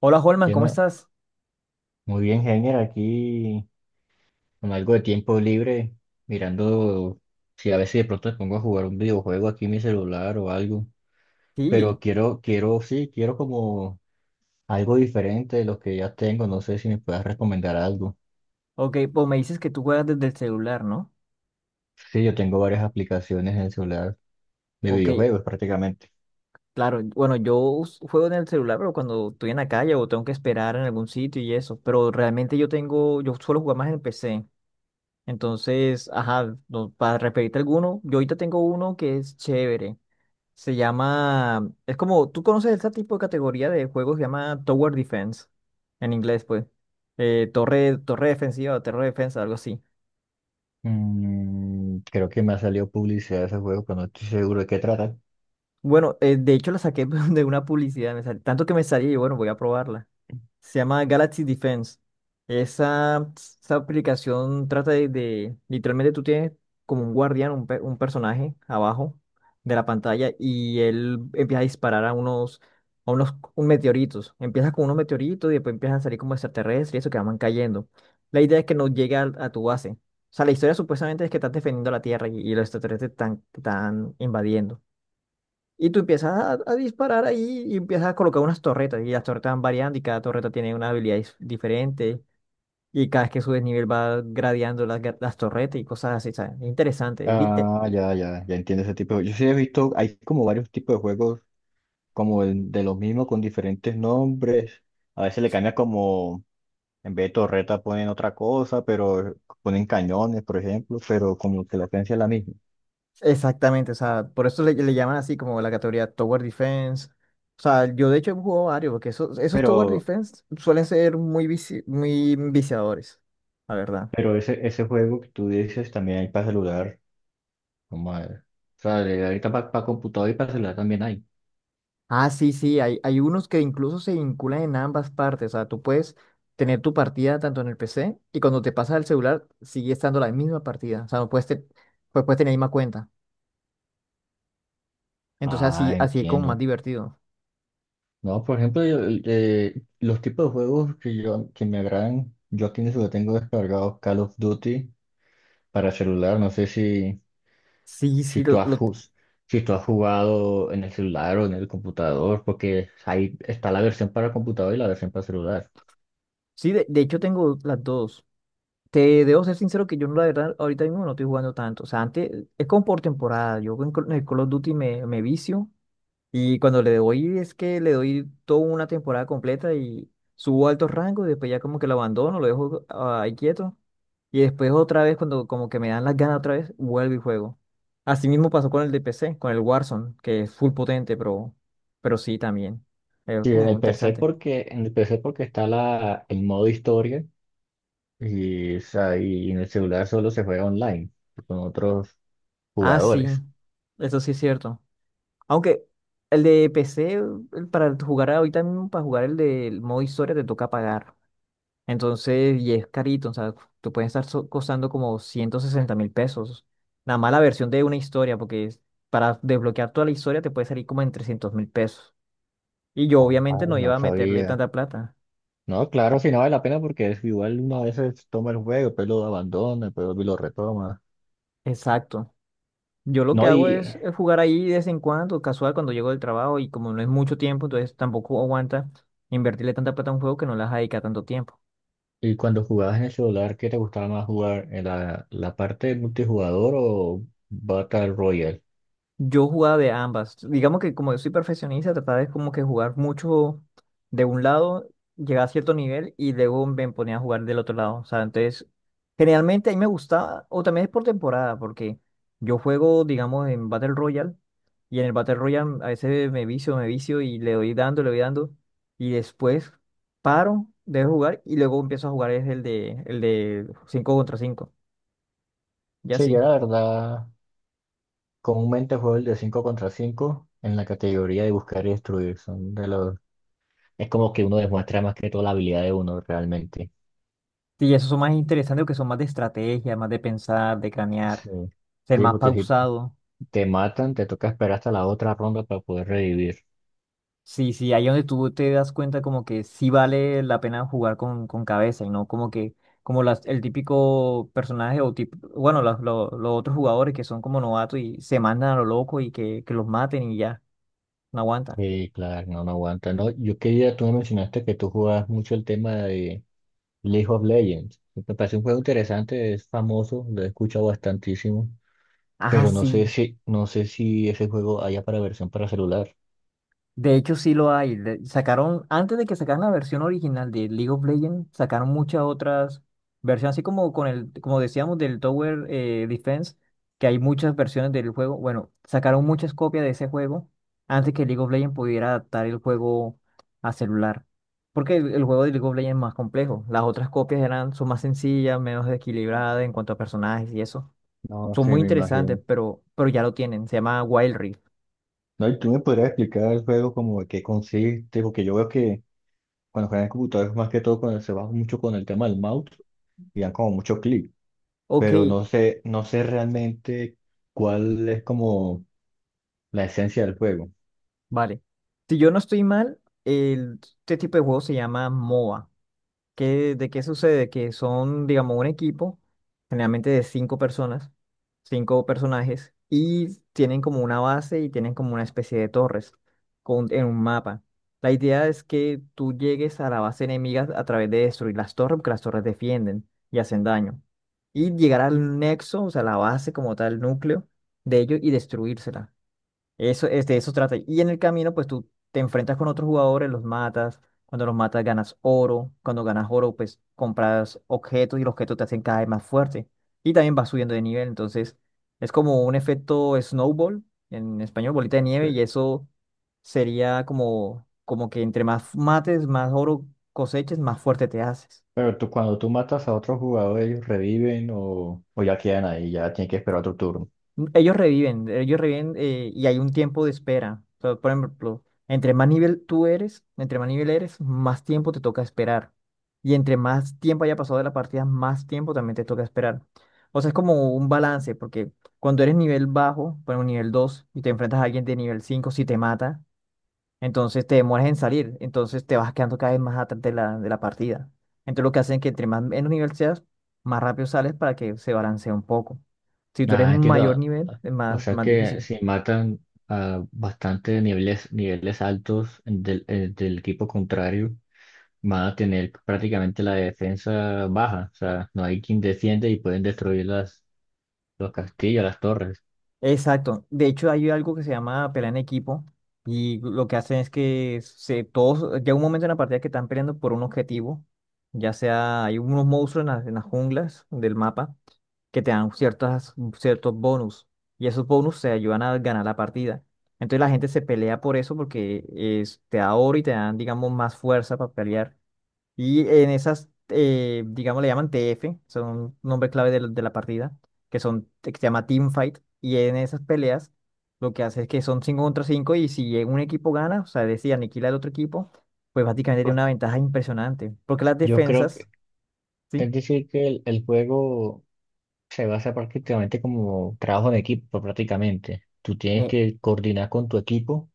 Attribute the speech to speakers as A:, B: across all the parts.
A: Hola, Holman,
B: ¿Qué
A: ¿cómo
B: más?
A: estás?
B: Muy bien, Heiner, aquí con algo de tiempo libre, mirando si a veces de pronto me pongo a jugar un videojuego aquí en mi celular o algo. Pero
A: Sí,
B: quiero, sí, quiero como algo diferente de lo que ya tengo. No sé si me puedas recomendar algo.
A: ok, pues me dices que tú juegas desde el celular, ¿no?
B: Sí, yo tengo varias aplicaciones en el celular de
A: Ok,
B: videojuegos prácticamente.
A: claro, bueno, juego en el celular, pero cuando estoy en la calle o tengo que esperar en algún sitio y eso, pero realmente yo suelo jugar más en PC, entonces, ajá, no, para referirte a alguno, yo ahorita tengo uno que es chévere, se llama, es como, ¿tú conoces este tipo de categoría de juegos? Se llama Tower Defense, en inglés, pues, torre defensiva o torre defensa, algo así.
B: Creo que me ha salido publicidad de ese juego, pero no estoy seguro de qué trata.
A: Bueno, de hecho la saqué de una publicidad, tanto que me salía y bueno, voy a probarla. Se llama Galaxy Defense. Esa aplicación trata literalmente tú tienes como un guardián, un personaje abajo de la pantalla y él empieza a disparar a unos un meteoritos. Empiezas con unos meteoritos y después empiezan a salir como extraterrestres y eso que van cayendo. La idea es que no llegue al- a, tu base. O sea, la historia supuestamente es que estás defendiendo la Tierra y los extraterrestres están invadiendo. Y tú empiezas a disparar ahí y empiezas a colocar unas torretas y las torretas van variando y cada torreta tiene una diferente y cada vez que subes nivel va gradeando las torretas y cosas así, ¿sabes? Es interesante.
B: Ah, ya, ya, ya entiendo ese tipo de. Yo sí he visto, hay como varios tipos de juegos como de los mismos con diferentes nombres. A veces le cambia, como, en vez de torreta ponen otra cosa, pero ponen cañones, por ejemplo, pero como que la esencia es la misma.
A: Exactamente, o sea, por eso le llaman así como la categoría Tower Defense. O sea, yo de hecho he jugado varios porque esos Tower
B: Pero,
A: Defense suelen ser muy viciadores, la verdad.
B: pero ese juego que tú dices también hay para celular. No madre. O sea, ahorita para computador y para celular también hay.
A: Ah, sí, sí, hay unos que incluso se vinculan en ambas partes. O sea, tú puedes tener tu partida tanto en el PC y cuando te pasas al celular sigue estando la misma partida. O sea, no puedes, te- pues puedes tener la misma cuenta. Entonces
B: Ah,
A: así es como más
B: entiendo.
A: divertido.
B: No, por ejemplo, los tipos de juegos que yo que me agradan, yo aquí en el celular tengo descargados Call of Duty para celular, no sé
A: Sí,
B: si
A: sí, lo,
B: tú has,
A: lo-
B: jus- si tú has jugado en el celular o en el computador, porque ahí está la versión para computador y la versión para celular.
A: sí, de hecho tengo las dos. Te debo ser sincero que yo la verdad ahorita mismo no estoy jugando tanto. O sea, antes es como por temporada. En el Call of Duty me vicio. Y cuando le doy, es que le doy toda una temporada completa y subo a altos rangos y después ya como que lo abandono, lo dejo ahí quieto. Y después otra vez, cuando como que me dan las ganas otra vez, vuelvo y juego. Así mismo pasó con el de P C con el Warzone, que es full potente, pero sí también. Es
B: Sí, en
A: como
B: el PC
A: interesante.
B: porque, en el PC porque está el modo historia y, o sea, y en el celular solo se juega online con otros
A: Ah, sí,
B: jugadores.
A: eso sí es cierto. Aunque el de PC, el- para jugar ahorita mismo, para jugar el del modo historia te toca pagar. Entonces, y es carito, o sea, te pueden estar so- costando como 160 mil pesos. Nada más la versión de una historia, para desbloquear toda la historia te puede salir como en 300 mil pesos. Y yo obviamente no
B: Ay, no
A: iba a meterle
B: sabía.
A: tanta plata.
B: No, claro, si no vale la pena porque es igual uno a veces toma el juego, pero lo abandona, pero lo retoma.
A: Exacto. Yo lo que
B: No,
A: hago
B: y
A: es, jugar ahí de vez en cuando, casual, cuando llego del trabajo y como no es mucho tiempo, entonces tampoco aguanta invertirle tanta plata a un juego que no las dedica tanto tiempo.
B: Y cuando jugabas en el celular, ¿qué te gustaba más jugar? ¿En la parte de multijugador o Battle Royale?
A: Yo jugaba de ambas. Digamos que como yo soy perfeccionista, trataba de como que jugar mucho de un lado, llegaba a cierto nivel y luego me ponía a jugar del otro lado. O sea, entonces, generalmente a mí me gustaba, o también es por temporada, porque yo juego, digamos, en Battle Royale y en el Battle Royale a veces me vicio y le doy dando y después paro de jugar y luego empiezo a jugar es el de 5 contra cinco. Ya
B: Sí,
A: sí.
B: yo la verdad, comúnmente juego el de 5 contra 5 en la categoría de buscar y destruir. Son de los. Es como que uno demuestra más que todo la habilidad de uno realmente.
A: Sí, esos son más interesantes porque son más de estrategia, más de pensar, de cranear,
B: Sí.
A: ser
B: Sí,
A: más
B: porque si
A: pausado.
B: te matan, te toca esperar hasta la otra ronda para poder revivir.
A: Sí, sí, ahí donde tú te das cuenta como que sí vale la pena jugar con cabeza y no como que, como las, el típico personaje o tipo, bueno, los otros jugadores que son como novatos y se mandan a lo loco que los maten y ya, no aguantan.
B: Sí, claro, no, no aguanta. No, yo quería, tú me mencionaste que tú jugabas mucho el tema de League of Legends. Me parece un juego interesante, es famoso, lo he escuchado bastantísimo,
A: Ah,
B: pero
A: sí.
B: no sé si ese juego haya para versión para celular.
A: De hecho, sí lo hay. Sacaron, antes de que sacaran la versión original de League of Legends, sacaron muchas otras versiones, así como con el, como decíamos, del Tower Defense, que hay muchas versiones del juego. Bueno, sacaron muchas copias de ese juego antes que League of Legends pudiera adaptar el juego a celular. Porque el juego de League of Legends es más complejo. Las otras copias eran, son más sencillas, menos equilibradas en cuanto a personajes y eso.
B: No,
A: Son
B: sí
A: muy
B: me
A: interesantes,
B: imagino.
A: pero ya lo tienen. Se llama Wild Rift.
B: No, y tú me podrías explicar el juego como de qué consiste, porque yo veo que cuando juegan en computadores más que todo cuando se va mucho con el tema del mouse y dan como mucho clic,
A: Ok,
B: pero no sé realmente cuál es como la esencia del juego.
A: vale. Si yo no estoy mal, este tipo de juego se llama MOBA. ¿Qué, de qué sucede? Que son, digamos, un equipo, generalmente de cinco personas, cinco personajes, y tienen como una base y tienen como una especie de torres con, en un mapa. La idea es que tú llegues a la base enemiga a través de destruir las torres, porque las torres defienden y hacen daño. Y llegar al nexo, o sea, la base como tal, núcleo de ellos y destruírsela. Eso, es de eso trata. Y en el camino, pues tú te enfrentas con otros jugadores, los matas. Cuando los matas, ganas oro. Cuando ganas oro, pues compras objetos y los objetos te hacen cada vez más fuerte. Y también vas subiendo de nivel. Entonces, es como un efecto snowball, en español, bolita de nieve. Y
B: Pe-
A: eso sería como, como que entre más mates, más oro coseches, más fuerte te haces.
B: Pero tú, cuando tú matas a otros jugadores, ellos reviven o ya quedan ahí, ya tienen que esperar otro turno.
A: Ellos reviven, y hay un tiempo de espera. O sea, por ejemplo, entre más nivel eres, más tiempo te toca esperar. Y entre más tiempo haya pasado de la partida, más tiempo también te toca esperar. O sea, es como un balance, porque cuando eres nivel bajo, por ejemplo, nivel 2 y te enfrentas a alguien de nivel 5 si te mata, entonces te demoras en salir, entonces te vas quedando cada vez más atrás de la partida. Entonces lo que hacen es que entre más menos nivel seas, más rápido sales para que se balancee un poco. Si tú eres
B: Ah,
A: mayor
B: entiendo.
A: nivel, es
B: O sea
A: más
B: que
A: difícil.
B: si matan a bastante niveles altos del equipo contrario, van a tener prácticamente la defensa baja. O sea, no hay quien defiende y pueden destruir los castillos, las torres.
A: Exacto. De hecho, hay algo que se llama pelea en equipo y lo que hacen es que se, todos, llega un momento en la partida que están peleando por un objetivo, ya sea hay unos monstruos en las junglas del mapa que te dan ciertos bonus y esos bonus te ayudan a ganar la partida. Entonces la gente se pelea por eso porque te da oro y te dan, digamos, más fuerza para pelear. Y en esas, digamos, le llaman TF, son nombres clave de la partida, que se llama Team Fight. Y en esas peleas lo que hace es que son 5 contra 5 y si un equipo gana, o sea, decía aniquila al otro equipo, pues básicamente tiene
B: Pues,
A: una ventaja impresionante. Porque las
B: yo creo
A: defensas,
B: que,
A: ¿sí?
B: es decir, que el juego se basa prácticamente como trabajo en equipo, prácticamente. Tú tienes
A: Eh,
B: que coordinar con tu equipo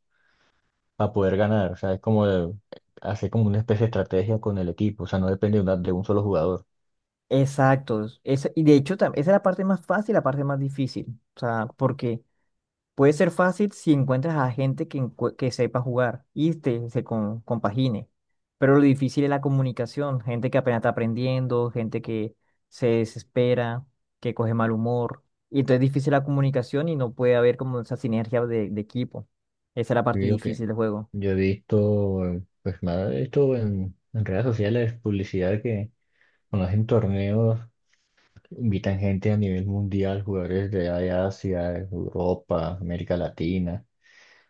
B: para poder ganar. O sea, es como hacer como una especie de estrategia con el equipo. O sea, no depende de un solo jugador.
A: exacto. Y de hecho, esa es la parte más fácil, la parte más difícil. O sea, porque puede ser fácil si encuentras a gente que sepa jugar compagine. Pero lo difícil es la comunicación. Gente que apenas está aprendiendo, gente que se desespera, que coge mal humor. Y entonces es difícil la comunicación y no puede haber como esa sinergia de equipo. Esa es la parte
B: Sí, ok.
A: difícil del juego.
B: Yo he visto, pues nada, he visto en redes sociales publicidad que cuando hacen torneos invitan gente a nivel mundial, jugadores de Asia, Europa, América Latina,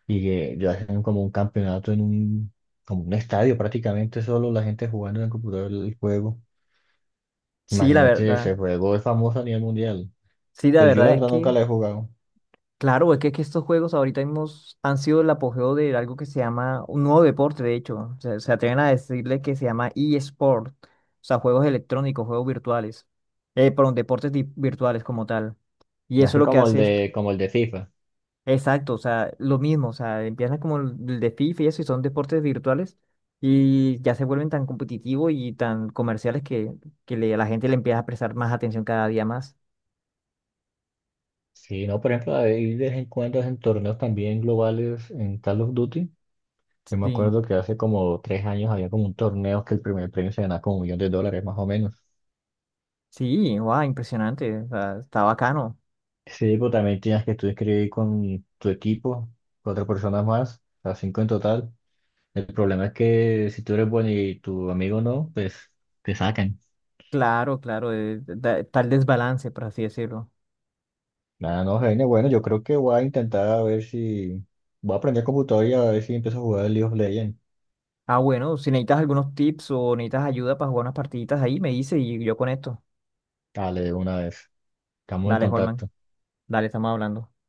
B: y que ya hacen como un campeonato como un estadio prácticamente, solo la gente jugando en el computador el juego.
A: Sí, la
B: Imagínate,
A: verdad.
B: ese juego es famoso a nivel mundial.
A: Sí, la
B: Pero yo la
A: verdad es
B: verdad nunca
A: que
B: la he jugado.
A: claro, es que estos juegos ahorita mismo han sido el apogeo de algo que se llama un nuevo deporte, de hecho. O sea, se atreven a decirle que se llama eSport, o sea, juegos electrónicos, juegos virtuales, perdón, virtuales como tal. Y eso
B: Así
A: lo que
B: como
A: hace es,
B: como el de FIFA.
A: exacto, o sea, lo mismo, o sea, empiezan como el de FIFA y eso, y son deportes virtuales, y ya se vuelven tan competitivos y tan comerciales que, a la gente le empieza a prestar más atención cada día más.
B: Sí, no, por ejemplo, hay de vez en cuando en torneos también globales en Call of Duty. Yo me
A: Sí,
B: acuerdo que hace como 3 años había como un torneo que el primer premio se ganaba como 1 millón de dólares más o menos.
A: sí, wow, impresionante, o sea, está bacano.
B: Sí, pues también tenías que tú escribir con tu equipo, cuatro personas más, o sea, cinco en total. El problema es que si tú eres bueno y tu amigo no, pues te sacan.
A: Claro, claro, tal desbalance, por así decirlo.
B: Nada, no, Jaime, bueno, yo creo que voy a intentar a ver si. Voy a aprender computador y a ver si empiezo a jugar el League of Legends.
A: Ah, bueno, si necesitas algunos tips o necesitas ayuda para jugar unas partiditas ahí, me dices y yo con esto.
B: Dale, de una vez. Estamos en
A: Dale, Holman.
B: contacto.
A: Dale, estamos hablando.